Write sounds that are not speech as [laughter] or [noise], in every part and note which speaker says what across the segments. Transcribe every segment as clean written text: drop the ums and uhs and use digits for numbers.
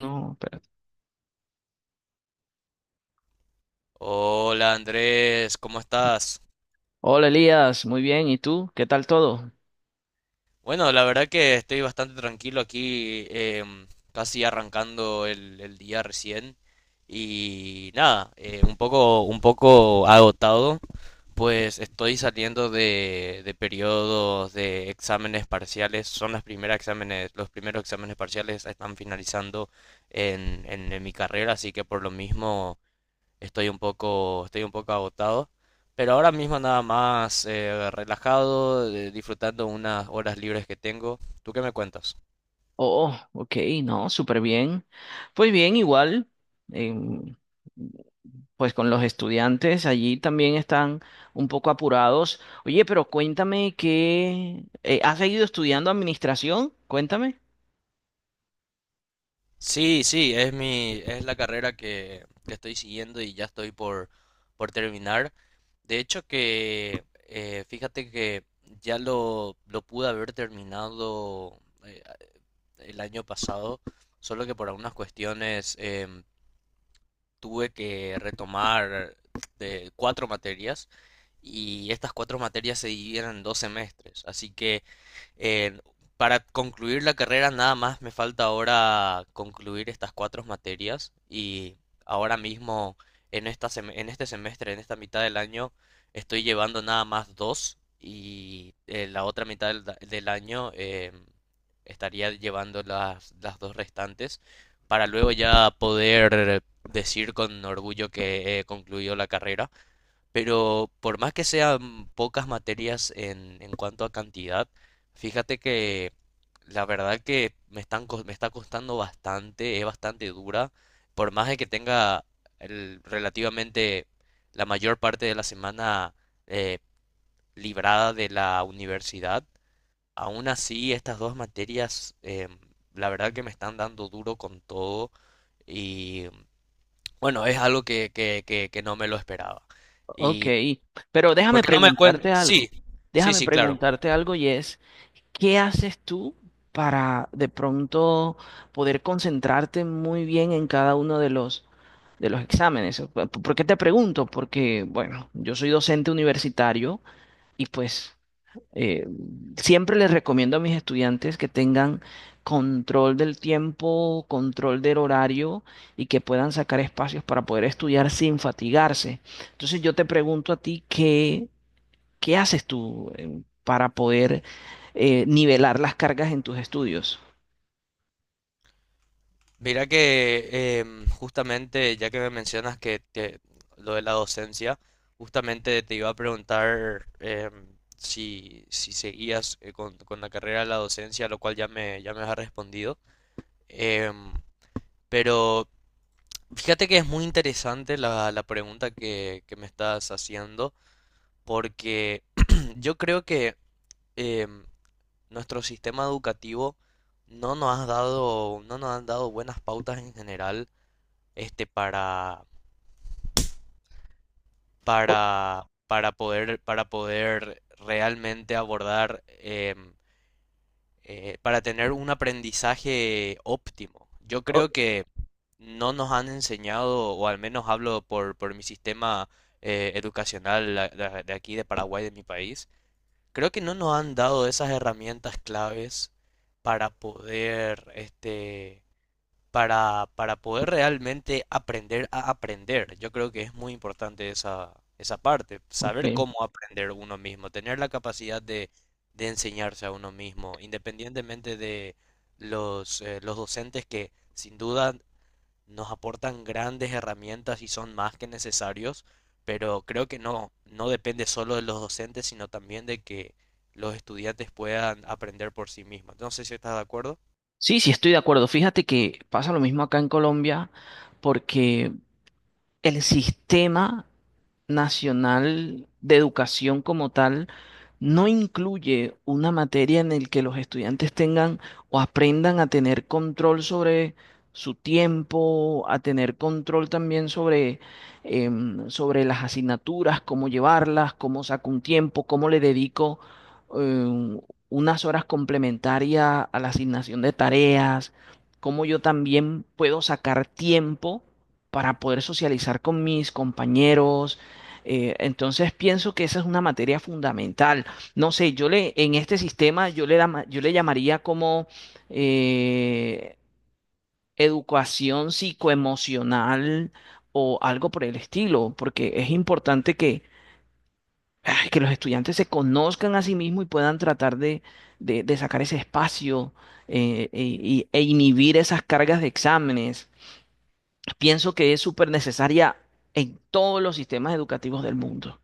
Speaker 1: No, espérate.
Speaker 2: Hola Andrés, ¿cómo estás?
Speaker 1: Hola Elías, muy bien. ¿Y tú? ¿Qué tal todo?
Speaker 2: Bueno, la verdad que estoy bastante tranquilo aquí, casi arrancando el día recién y nada, un poco agotado, pues estoy saliendo de periodos de exámenes parciales, son las primeras exámenes, los primeros exámenes parciales están finalizando en, en mi carrera, así que por lo mismo estoy un poco, estoy un poco agotado, pero ahora mismo nada más relajado, disfrutando unas horas libres que tengo. ¿Tú qué me cuentas?
Speaker 1: Oh, oh, ok, no, súper bien. Pues bien, igual, em, pues con los estudiantes allí también están un poco apurados. Oye, pero cuéntame, ¿que has seguido estudiando administración? Cuéntame.
Speaker 2: Sí, sí, es mi, es la carrera que estoy siguiendo y ya estoy por terminar. De hecho que, fíjate que ya lo pude haber terminado eh, el año pasado, solo que por algunas cuestiones tuve que retomar de cuatro materias y estas cuatro materias se dividieron en dos semestres. Así que eh, para concluir la carrera nada más me falta ahora concluir estas cuatro materias y ahora mismo en en este semestre, en esta mitad del año, estoy llevando nada más dos y la otra mitad del año estaría llevando las dos restantes para luego ya poder decir con orgullo que he concluido la carrera. Pero por más que sean pocas materias en cuanto a cantidad, fíjate que la verdad que me me está costando bastante, es bastante dura, por más de que tenga relativamente la mayor parte de la semana eh, librada de la universidad, aún así estas dos materias la verdad que me están dando duro con todo y bueno, es algo que no me lo esperaba.
Speaker 1: Ok,
Speaker 2: Y
Speaker 1: pero déjame
Speaker 2: porque no me cuentas.
Speaker 1: preguntarte
Speaker 2: Sí,
Speaker 1: algo.
Speaker 2: sí,
Speaker 1: Déjame
Speaker 2: sí, claro.
Speaker 1: preguntarte algo y es, ¿qué haces tú para de pronto poder concentrarte muy bien en cada uno de los exámenes? ¿Por qué te pregunto? Porque, bueno, yo soy docente universitario y pues eh, siempre les recomiendo a mis estudiantes que tengan control del tiempo, control del horario y que puedan sacar espacios para poder estudiar sin fatigarse. Entonces yo te pregunto a ti, ¿qué haces tú para poder nivelar las cargas en tus estudios?
Speaker 2: Mira que justamente, ya que me mencionas lo de la docencia, justamente te iba a preguntar si, si seguías con la carrera de la docencia, lo cual ya me has respondido. Em, pero fíjate que es muy interesante la, la pregunta que me estás haciendo, porque [clears throat] yo creo que em, nuestro sistema educativo no nos ha dado, no nos han dado buenas pautas en general, este,
Speaker 1: Oh,
Speaker 2: para poder realmente abordar, para tener un aprendizaje óptimo. Yo
Speaker 1: oh,
Speaker 2: creo que no nos han enseñado, o al menos hablo por mi sistema educacional de aquí, de Paraguay, de mi país, creo que no nos han dado esas herramientas claves para poder, este, para poder realmente aprender a aprender. Yo creo que es muy importante esa, esa parte, saber
Speaker 1: ok.
Speaker 2: cómo aprender uno mismo, tener la capacidad de enseñarse a uno mismo, independientemente de los docentes que sin duda nos aportan grandes herramientas y son más que necesarios, pero creo que no, no depende solo de los docentes, sino también de que los estudiantes puedan aprender por sí mismos. No sé si estás de acuerdo.
Speaker 1: Sí, sí, estoy de acuerdo. Fíjate que pasa lo mismo acá en Colombia, porque el sistema nacional de educación como tal no incluye una materia en el que los estudiantes tengan o aprendan a tener control sobre su tiempo, a tener control también sobre, sobre las asignaturas, cómo llevarlas, cómo saco un tiempo, cómo le dedico em, unas horas complementarias a la asignación de tareas, cómo yo también puedo sacar tiempo para poder socializar con mis compañeros. Entonces pienso que esa es una materia fundamental. No sé, en este sistema yo le llamaría como eh, educación psicoemocional o algo por el estilo, porque es importante que, ay, que los estudiantes se conozcan a sí mismos y puedan tratar de sacar ese espacio e inhibir esas cargas de exámenes. Pienso que es súper necesaria en todos los sistemas educativos del mundo.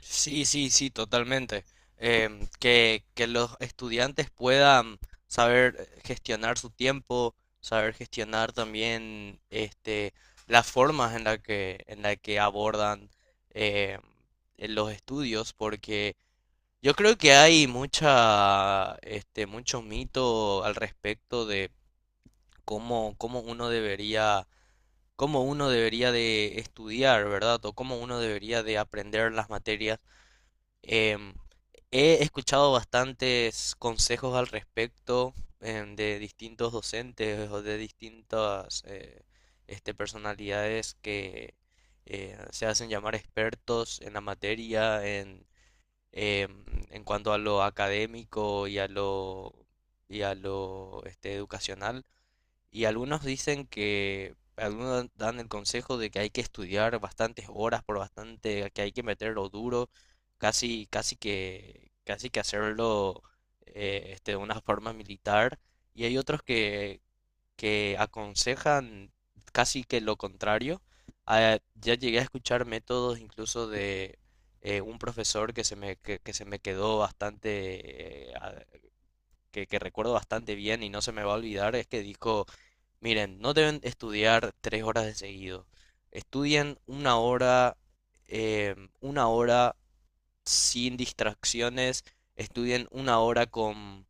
Speaker 2: Sí, sí, sí, totalmente. Que los estudiantes puedan saber gestionar su tiempo, saber gestionar también este, las formas en la que abordan em, los estudios, porque yo creo que hay mucha, este, mucho mito al respecto de cómo, cómo uno debería de estudiar, ¿verdad? O cómo uno debería de aprender las materias. Em, He escuchado bastantes consejos al respecto de distintos docentes o de distintas este, personalidades que se hacen llamar expertos en la materia, en, em, en cuanto a lo académico y a lo este, educacional. Y algunos dicen que, algunos dan el consejo de que hay que estudiar bastantes horas por bastante, que hay que meterlo duro, casi, casi que hacerlo este, de una forma militar. Y hay otros que aconsejan casi que lo contrario. Ah, ya llegué a escuchar métodos incluso de un profesor que se me quedó bastante, que recuerdo bastante bien y no se me va a olvidar, es que dijo: miren, no deben estudiar tres horas de seguido. Estudien una hora, una hora sin distracciones. Estudien una hora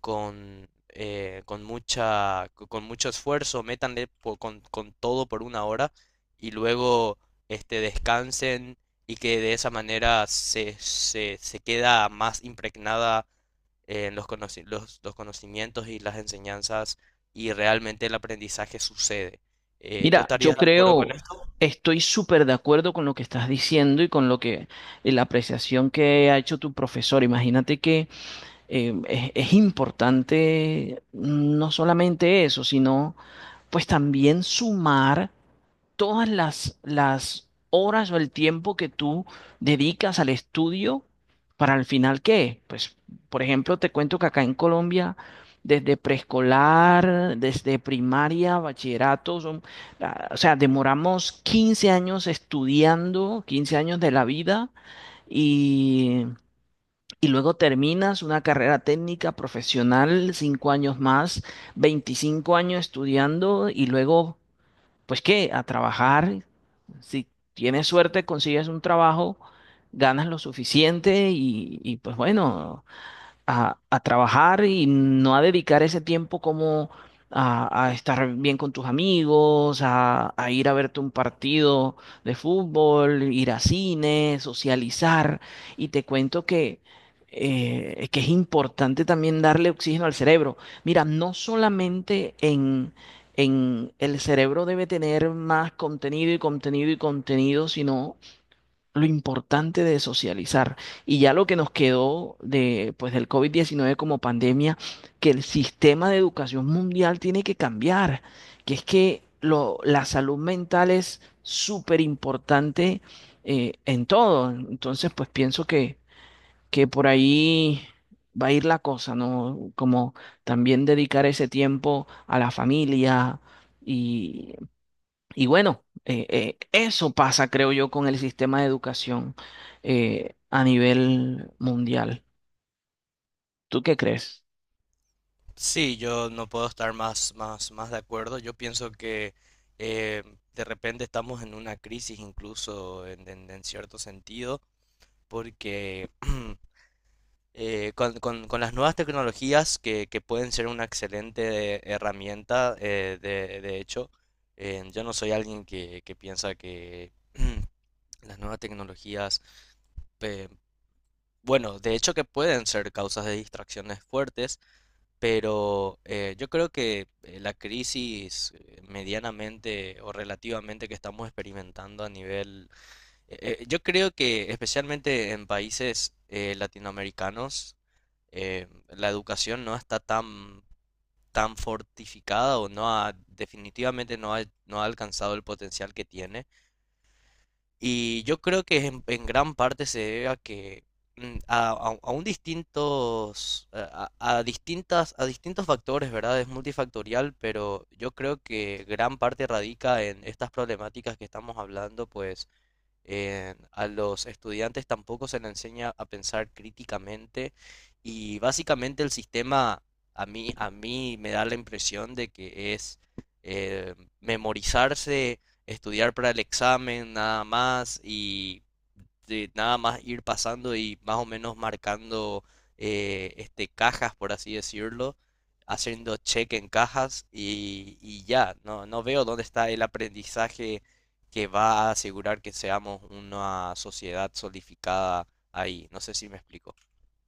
Speaker 2: con mucha, con mucho esfuerzo, con todo por una hora y luego este, descansen y que de esa manera se, se, se queda más impregnada en los, los conocimientos y las enseñanzas y realmente el aprendizaje sucede. ¿Tú
Speaker 1: Mira, yo
Speaker 2: estarías de acuerdo con
Speaker 1: creo,
Speaker 2: eso?
Speaker 1: estoy súper de acuerdo con lo que estás diciendo y con lo que la apreciación que ha hecho tu profesor. Imagínate que es importante, no solamente eso, sino pues también sumar todas las horas o el tiempo que tú dedicas al estudio. ¿Para al final qué? Pues, por ejemplo, te cuento que acá en Colombia, desde preescolar, desde primaria, bachillerato, o sea, demoramos 15 años estudiando, 15 años de la vida, y... y luego terminas una carrera técnica profesional, 5 años más, 25 años estudiando. Y luego, pues qué, a trabajar. Si tienes suerte, consigues un trabajo, ganas lo suficiente y, pues bueno, a trabajar y no a dedicar ese tiempo como a estar bien con tus amigos, a ir a verte un partido de fútbol, ir a cine, socializar. Y te cuento que es importante también darle oxígeno al cerebro. Mira, no solamente en... en el cerebro debe tener más contenido y contenido y contenido, sino lo importante de socializar. Y ya lo que nos quedó de, pues, del COVID-19 como pandemia, que el sistema de educación mundial tiene que cambiar, que es que lo, la salud mental es súper importante en todo. Entonces, pues pienso que por ahí va a ir la cosa, ¿no? Como también dedicar ese tiempo a la familia y bueno, eso pasa, creo yo, con el sistema de educación a nivel mundial. ¿Tú qué crees?
Speaker 2: Sí, yo no puedo estar más, más, más de acuerdo. Yo pienso que eh, de repente estamos en una crisis incluso en, en cierto sentido, porque [clears throat] con, con las nuevas tecnologías que pueden ser una excelente herramienta, de hecho, yo no soy alguien que piensa que [clears throat] las nuevas tecnologías, eh, bueno, de hecho que pueden ser causas de distracciones fuertes, pero yo creo que la crisis medianamente o relativamente que estamos experimentando a nivel, yo creo que especialmente en países latinoamericanos, la educación no está tan, tan fortificada o no ha, definitivamente no ha, no ha alcanzado el potencial que tiene. Y yo creo que en gran parte se debe a que mm, a, a un distintos a, a distintas a distintos factores, ¿verdad? Es multifactorial, pero yo creo que gran parte radica en estas problemáticas que estamos hablando, pues a los estudiantes tampoco se les enseña a pensar críticamente y básicamente el sistema a mí me da la impresión de que es memorizarse, estudiar para el examen nada más y de nada más ir pasando y más o menos marcando este, cajas, por así decirlo, haciendo check en cajas y ya, no, no veo dónde está el aprendizaje que va a asegurar que seamos una sociedad solidificada ahí. No sé si me explico.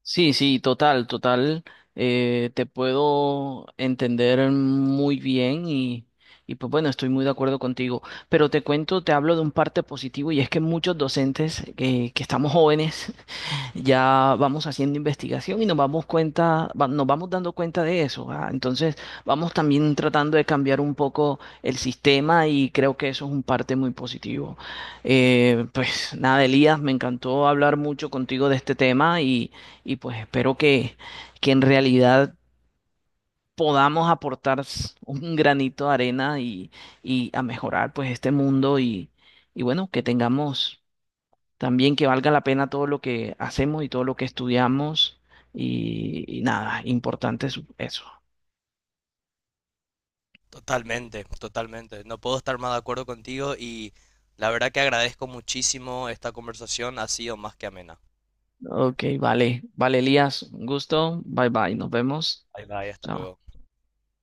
Speaker 1: Sí, sí, total, total. Te puedo entender muy bien y pues bueno, estoy muy de acuerdo contigo. Pero te cuento, te hablo de un parte positivo, y es que muchos docentes que estamos jóvenes ya vamos haciendo investigación y nos vamos dando cuenta de eso. Ah, entonces, vamos también tratando de cambiar un poco el sistema y creo que eso es un parte muy positivo. Pues nada, Elías, me encantó hablar mucho contigo de este tema y pues espero que en realidad podamos aportar un granito de arena y a mejorar pues este mundo y bueno, que tengamos también que valga la pena todo lo que hacemos y todo lo que estudiamos y nada, importante es eso.
Speaker 2: Totalmente, totalmente. No puedo estar más de acuerdo contigo y la verdad que agradezco muchísimo esta conversación. Ha sido más que amena.
Speaker 1: Ok, vale, vale, Elías, un gusto, bye bye, nos vemos.
Speaker 2: Bye bye, hasta
Speaker 1: Chao.
Speaker 2: luego.